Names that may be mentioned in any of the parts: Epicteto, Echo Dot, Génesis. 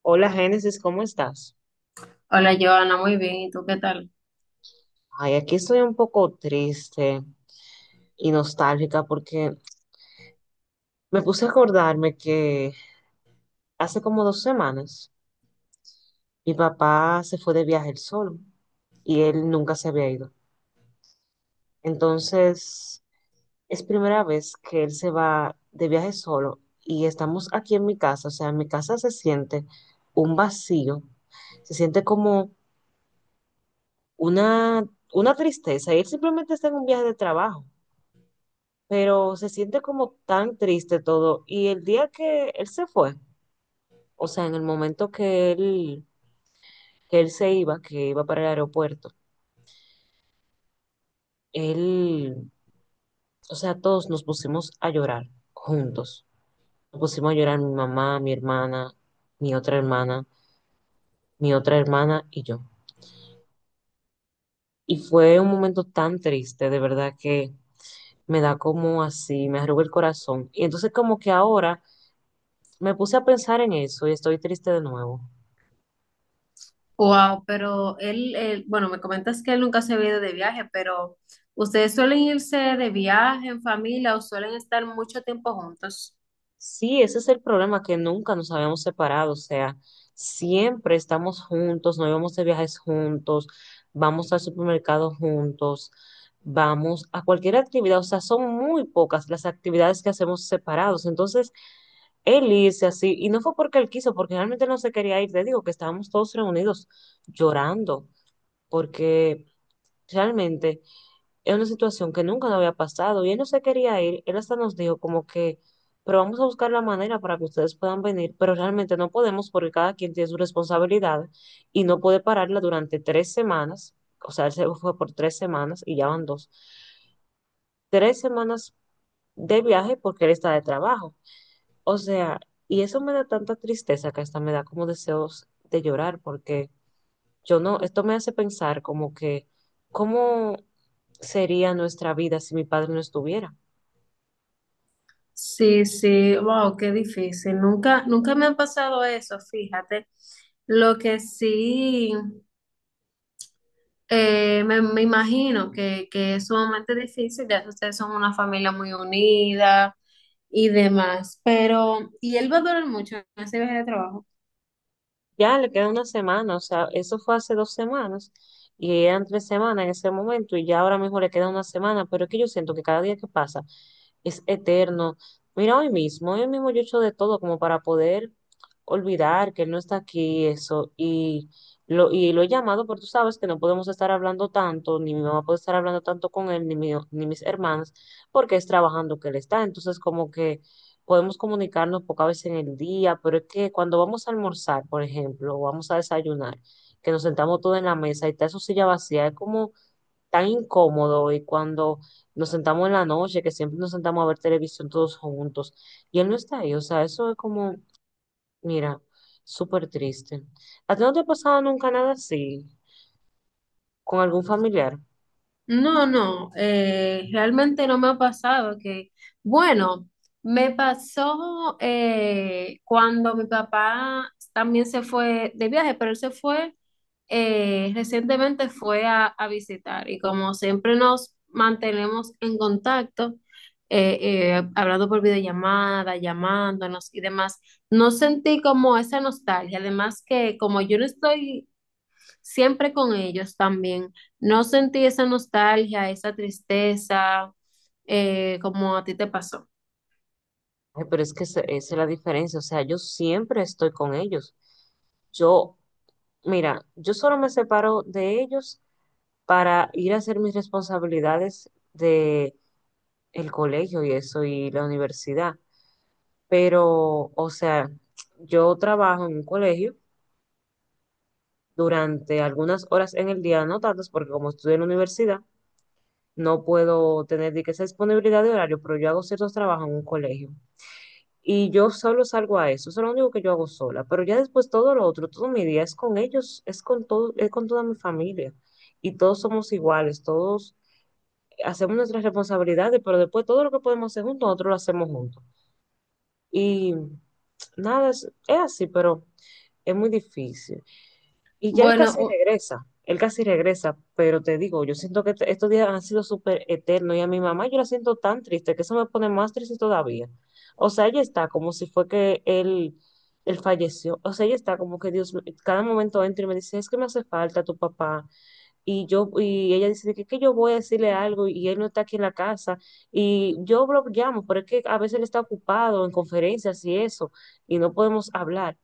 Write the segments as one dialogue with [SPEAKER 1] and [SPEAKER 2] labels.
[SPEAKER 1] Hola Génesis, ¿cómo estás?
[SPEAKER 2] Hola, Joana, muy bien. ¿Y tú qué tal?
[SPEAKER 1] Ay, aquí estoy un poco triste y nostálgica porque me puse a acordarme que hace como dos semanas mi papá se fue de viaje él solo y él nunca se había ido. Entonces, es primera vez que él se va de viaje solo y estamos aquí en mi casa, o sea, en mi casa se siente un vacío, se siente como una, una tristeza y él simplemente está en un viaje de trabajo. Pero se siente como tan triste todo. Y el día que él se fue, o sea, en el momento que él se iba, que iba para el aeropuerto, él, o sea, todos nos pusimos a llorar juntos. Nos pusimos a llorar mi mamá, mi hermana, mi otra hermana, mi otra hermana y yo. Y fue un momento tan triste, de verdad que me da como así, me arruga el corazón. Y entonces como que ahora me puse a pensar en eso y estoy triste de nuevo.
[SPEAKER 2] Wow, pero bueno, me comentas que él nunca se había ido de viaje, pero ¿ustedes suelen irse de viaje en familia o suelen estar mucho tiempo juntos?
[SPEAKER 1] Sí, ese es el problema, que nunca nos habíamos separado, o sea, siempre estamos juntos, nos vamos de viajes juntos, vamos al supermercado juntos, vamos a cualquier actividad, o sea, son muy pocas las actividades que hacemos separados. Entonces, él irse así, y no fue porque él quiso, porque realmente no se quería ir, te digo que estábamos todos reunidos llorando, porque realmente... Es una situación que nunca nos había pasado y él no se quería ir. Él hasta nos dijo como que, pero vamos a buscar la manera para que ustedes puedan venir, pero realmente no podemos porque cada quien tiene su responsabilidad y no puede pararla durante tres semanas. O sea, él se fue por tres semanas y ya van dos. Tres semanas de viaje porque él está de trabajo. O sea, y eso me da tanta tristeza que hasta me da como deseos de llorar porque yo no, esto me hace pensar como que, ¿cómo sería nuestra vida si mi padre no estuviera?
[SPEAKER 2] Sí, sí, wow, qué difícil. Nunca, nunca me ha pasado eso, fíjate. Lo que sí, me imagino que es sumamente difícil, ya que ustedes son una familia muy unida y demás, pero ¿y él va a durar mucho en ese viaje de trabajo?
[SPEAKER 1] Ya le queda una semana, o sea, eso fue hace dos semanas y eran tres semanas en ese momento y ya ahora mismo le queda una semana, pero es que yo siento que cada día que pasa es eterno. Mira, hoy mismo yo he hecho de todo como para poder olvidar que él no está aquí, y eso, y lo he llamado, pero tú sabes que no podemos estar hablando tanto, ni mi mamá puede estar hablando tanto con él, ni mis hermanas, porque es trabajando que él está, entonces como que podemos comunicarnos pocas veces en el día, pero es que cuando vamos a almorzar, por ejemplo, o vamos a desayunar, que nos sentamos todos en la mesa y está su silla vacía, es como tan incómodo. Y cuando nos sentamos en la noche, que siempre nos sentamos a ver televisión todos juntos, y él no está ahí, o sea, eso es como, mira, súper triste. ¿A ti no te ha pasado nunca nada así con algún familiar?
[SPEAKER 2] No, no, realmente no me ha pasado que, bueno, me pasó cuando mi papá también se fue de viaje, pero él se fue, recientemente fue a visitar, y como siempre nos mantenemos en contacto, hablando por videollamada, llamándonos y demás, no sentí como esa nostalgia, además que como yo no estoy siempre con ellos también. No sentí esa nostalgia, esa tristeza, como a ti te pasó.
[SPEAKER 1] Ay, pero es que esa es la diferencia, o sea, yo siempre estoy con ellos. Yo, mira, yo solo me separo de ellos para ir a hacer mis responsabilidades de el colegio y eso y la universidad. Pero, o sea, yo trabajo en un colegio durante algunas horas en el día, no tantas, porque como estudio en la universidad, no puedo tener de que esa disponibilidad de horario, pero yo hago ciertos trabajos en un colegio. Y yo solo salgo a eso, eso es lo único que yo hago sola. Pero ya después todo lo otro, todo mi día es con ellos, es con todo, es con toda mi familia. Y todos somos iguales, todos hacemos nuestras responsabilidades, pero después todo lo que podemos hacer juntos, nosotros lo hacemos juntos. Y nada, es así, pero es muy difícil. Y ya
[SPEAKER 2] Bueno,
[SPEAKER 1] él casi regresa, pero te digo, yo siento que estos días han sido súper eternos y a mi mamá yo la siento tan triste que eso me pone más triste todavía. O sea, ella está como si fue que él falleció. O sea, ella está como que Dios, cada momento entra y me dice, es que me hace falta tu papá, y yo y ella dice que yo voy a decirle algo y él no está aquí en la casa y yo lo llamo, pero es que a veces él está ocupado en conferencias y eso y no podemos hablar.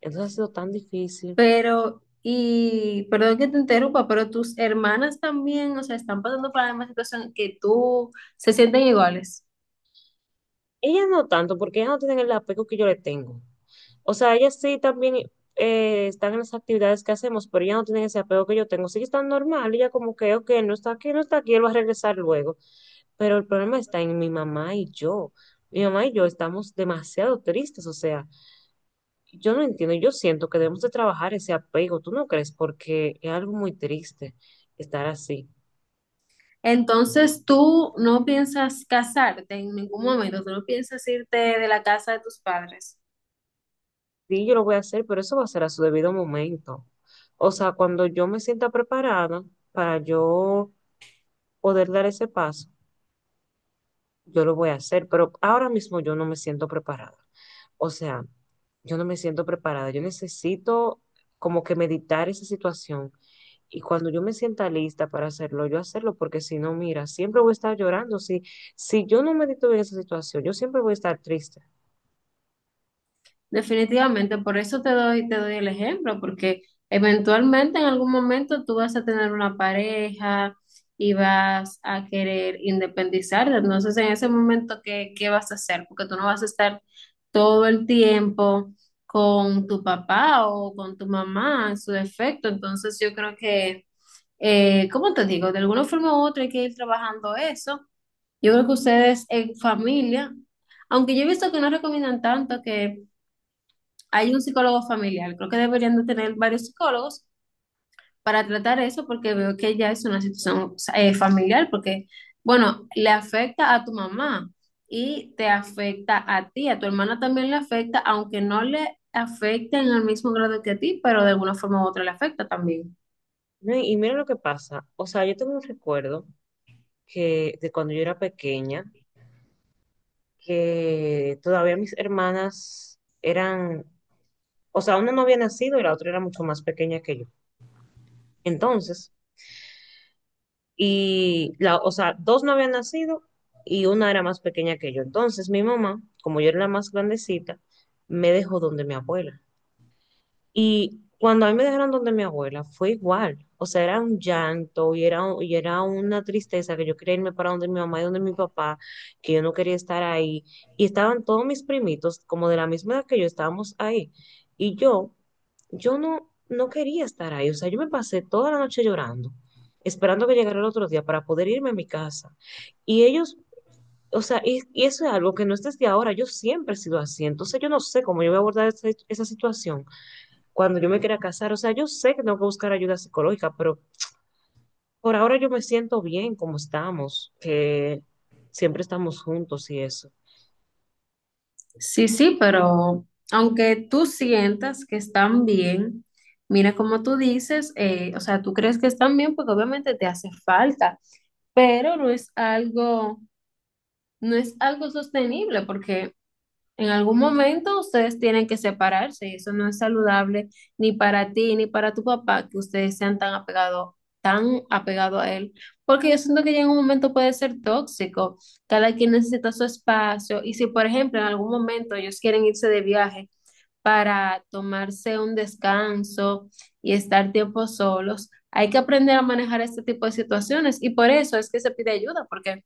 [SPEAKER 1] Entonces ha sido tan difícil.
[SPEAKER 2] pero, y perdón que te interrumpa, pero tus hermanas también, o sea, ¿están pasando por la misma situación que tú, se sienten iguales?
[SPEAKER 1] Ella no tanto porque ella no tiene el apego que yo le tengo. O sea, ellas sí también están en las actividades que hacemos, pero ellas no tienen ese apego que yo tengo. Sí están normal, ella como que, ok, no está aquí, no está aquí, él va a regresar luego. Pero el problema está en mi mamá y yo. Mi mamá y yo estamos demasiado tristes, o sea, yo no entiendo, yo siento que debemos de trabajar ese apego, ¿tú no crees? Porque es algo muy triste estar así.
[SPEAKER 2] Entonces, ¿tú no piensas casarte en ningún momento, tú no piensas irte de la casa de tus padres?
[SPEAKER 1] Sí, yo lo voy a hacer, pero eso va a ser a su debido momento. O sea, cuando yo me sienta preparada para yo poder dar ese paso, yo lo voy a hacer, pero ahora mismo yo no me siento preparada. O sea, yo no me siento preparada. Yo necesito como que meditar esa situación. Y cuando yo me sienta lista para hacerlo, yo hacerlo, porque si no, mira, siempre voy a estar llorando. Si, si yo no medito bien esa situación, yo siempre voy a estar triste.
[SPEAKER 2] Definitivamente, por eso te doy el ejemplo, porque eventualmente en algún momento tú vas a tener una pareja y vas a querer independizarte. Entonces, en ese momento, ¿qué, qué vas a hacer? Porque tú no vas a estar todo el tiempo con tu papá o con tu mamá en su defecto. Entonces, yo creo que, ¿cómo te digo? De alguna forma u otra hay que ir trabajando eso. Yo creo que ustedes en familia, aunque yo he visto que no recomiendan tanto, que hay un psicólogo familiar. Creo que deberían de tener varios psicólogos para tratar eso, porque veo que ya es una situación familiar, porque, bueno, le afecta a tu mamá y te afecta a ti, a tu hermana también le afecta, aunque no le afecte en el mismo grado que a ti, pero de alguna forma u otra le afecta también.
[SPEAKER 1] No, y mira lo que pasa. O sea, yo tengo un recuerdo que de cuando yo era pequeña, que todavía mis hermanas eran, o sea, una no había nacido y la otra era mucho más pequeña que yo. Entonces, o sea, dos no habían nacido y una era más pequeña que yo. Entonces, mi mamá, como yo era la más grandecita, me dejó donde mi abuela. Y cuando a mí me dejaron donde mi abuela, fue igual. O sea, era un llanto y y era una tristeza que yo quería irme para donde mi mamá y donde mi papá, que yo no quería estar ahí. Y estaban todos mis primitos, como de la misma edad que yo, estábamos ahí. Y yo, no quería estar ahí. O sea, yo me pasé toda la noche llorando, esperando que llegara el otro día para poder irme a mi casa. Y ellos, o sea, y eso es algo que no es desde ahora, yo siempre he sido así. Entonces yo no sé cómo yo voy a abordar esa situación cuando yo me quiera casar. O sea, yo sé que tengo que buscar ayuda psicológica, pero por ahora yo me siento bien como estamos, que siempre estamos juntos y eso.
[SPEAKER 2] Sí, sí, pero aunque tú sientas que están bien, mira como tú dices, o sea, tú crees que están bien porque obviamente te hace falta, pero no es algo, no es algo sostenible, porque en algún momento ustedes tienen que separarse y eso no es saludable ni para ti ni para tu papá, que ustedes sean tan apegados, tan apegado a él, porque yo siento que ya en un momento puede ser tóxico. Cada quien necesita su espacio, y si por ejemplo en algún momento ellos quieren irse de viaje para tomarse un descanso y estar tiempo solos, hay que aprender a manejar este tipo de situaciones, y por eso es que se pide ayuda, porque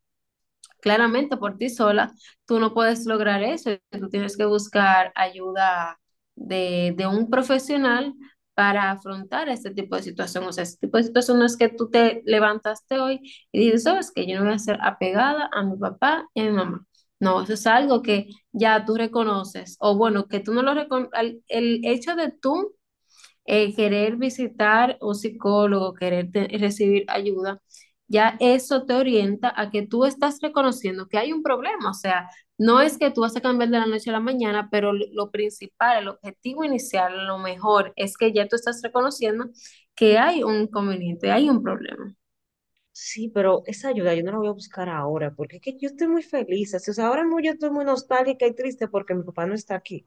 [SPEAKER 2] claramente, por ti sola, tú no puedes lograr eso. Tú tienes que buscar ayuda de un profesional para afrontar este tipo de situación. O sea, este tipo de situación no es que tú te levantaste hoy y dices, sabes que yo no voy a ser apegada a mi papá y a mi mamá. No, eso es algo que ya tú reconoces. O bueno, que tú no lo reconoces. El hecho de tú querer visitar un psicólogo, querer recibir ayuda, ya eso te orienta a que tú estás reconociendo que hay un problema. O sea, no es que tú vas a cambiar de la noche a la mañana, pero lo principal, el objetivo inicial, lo mejor es que ya tú estás reconociendo que hay un inconveniente, hay un problema.
[SPEAKER 1] Sí, pero esa ayuda yo no la voy a buscar ahora, porque es que yo estoy muy feliz. Así, o sea, ahora mismo yo estoy muy nostálgica y triste porque mi papá no está aquí.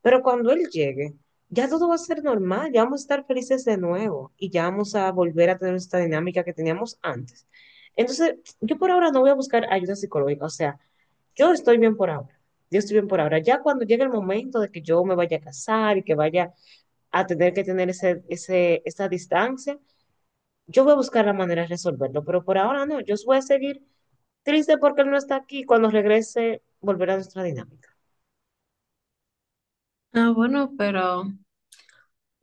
[SPEAKER 1] Pero cuando él llegue, ya todo va a ser normal, ya vamos a estar felices de nuevo y ya vamos a volver a tener esta dinámica que teníamos antes. Entonces, yo por ahora no voy a buscar ayuda psicológica, o sea, yo estoy bien por ahora. Yo estoy bien por ahora. Ya cuando llegue el momento de que yo me vaya a casar y que vaya a tener que tener esa distancia, yo voy a buscar la manera de resolverlo. Pero por ahora no, yo voy a seguir triste porque él no está aquí. Cuando regrese, volverá a nuestra dinámica.
[SPEAKER 2] Ah, bueno, pero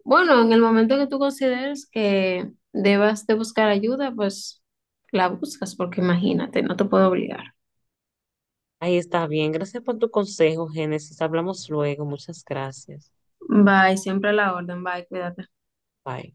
[SPEAKER 2] bueno, en el momento que tú consideres que debas de buscar ayuda, pues la buscas, porque imagínate, no te puedo obligar.
[SPEAKER 1] Ahí está bien. Gracias por tu consejo, Génesis. Hablamos luego. Muchas gracias.
[SPEAKER 2] Bye, siempre a la orden, bye, cuídate.
[SPEAKER 1] Bye.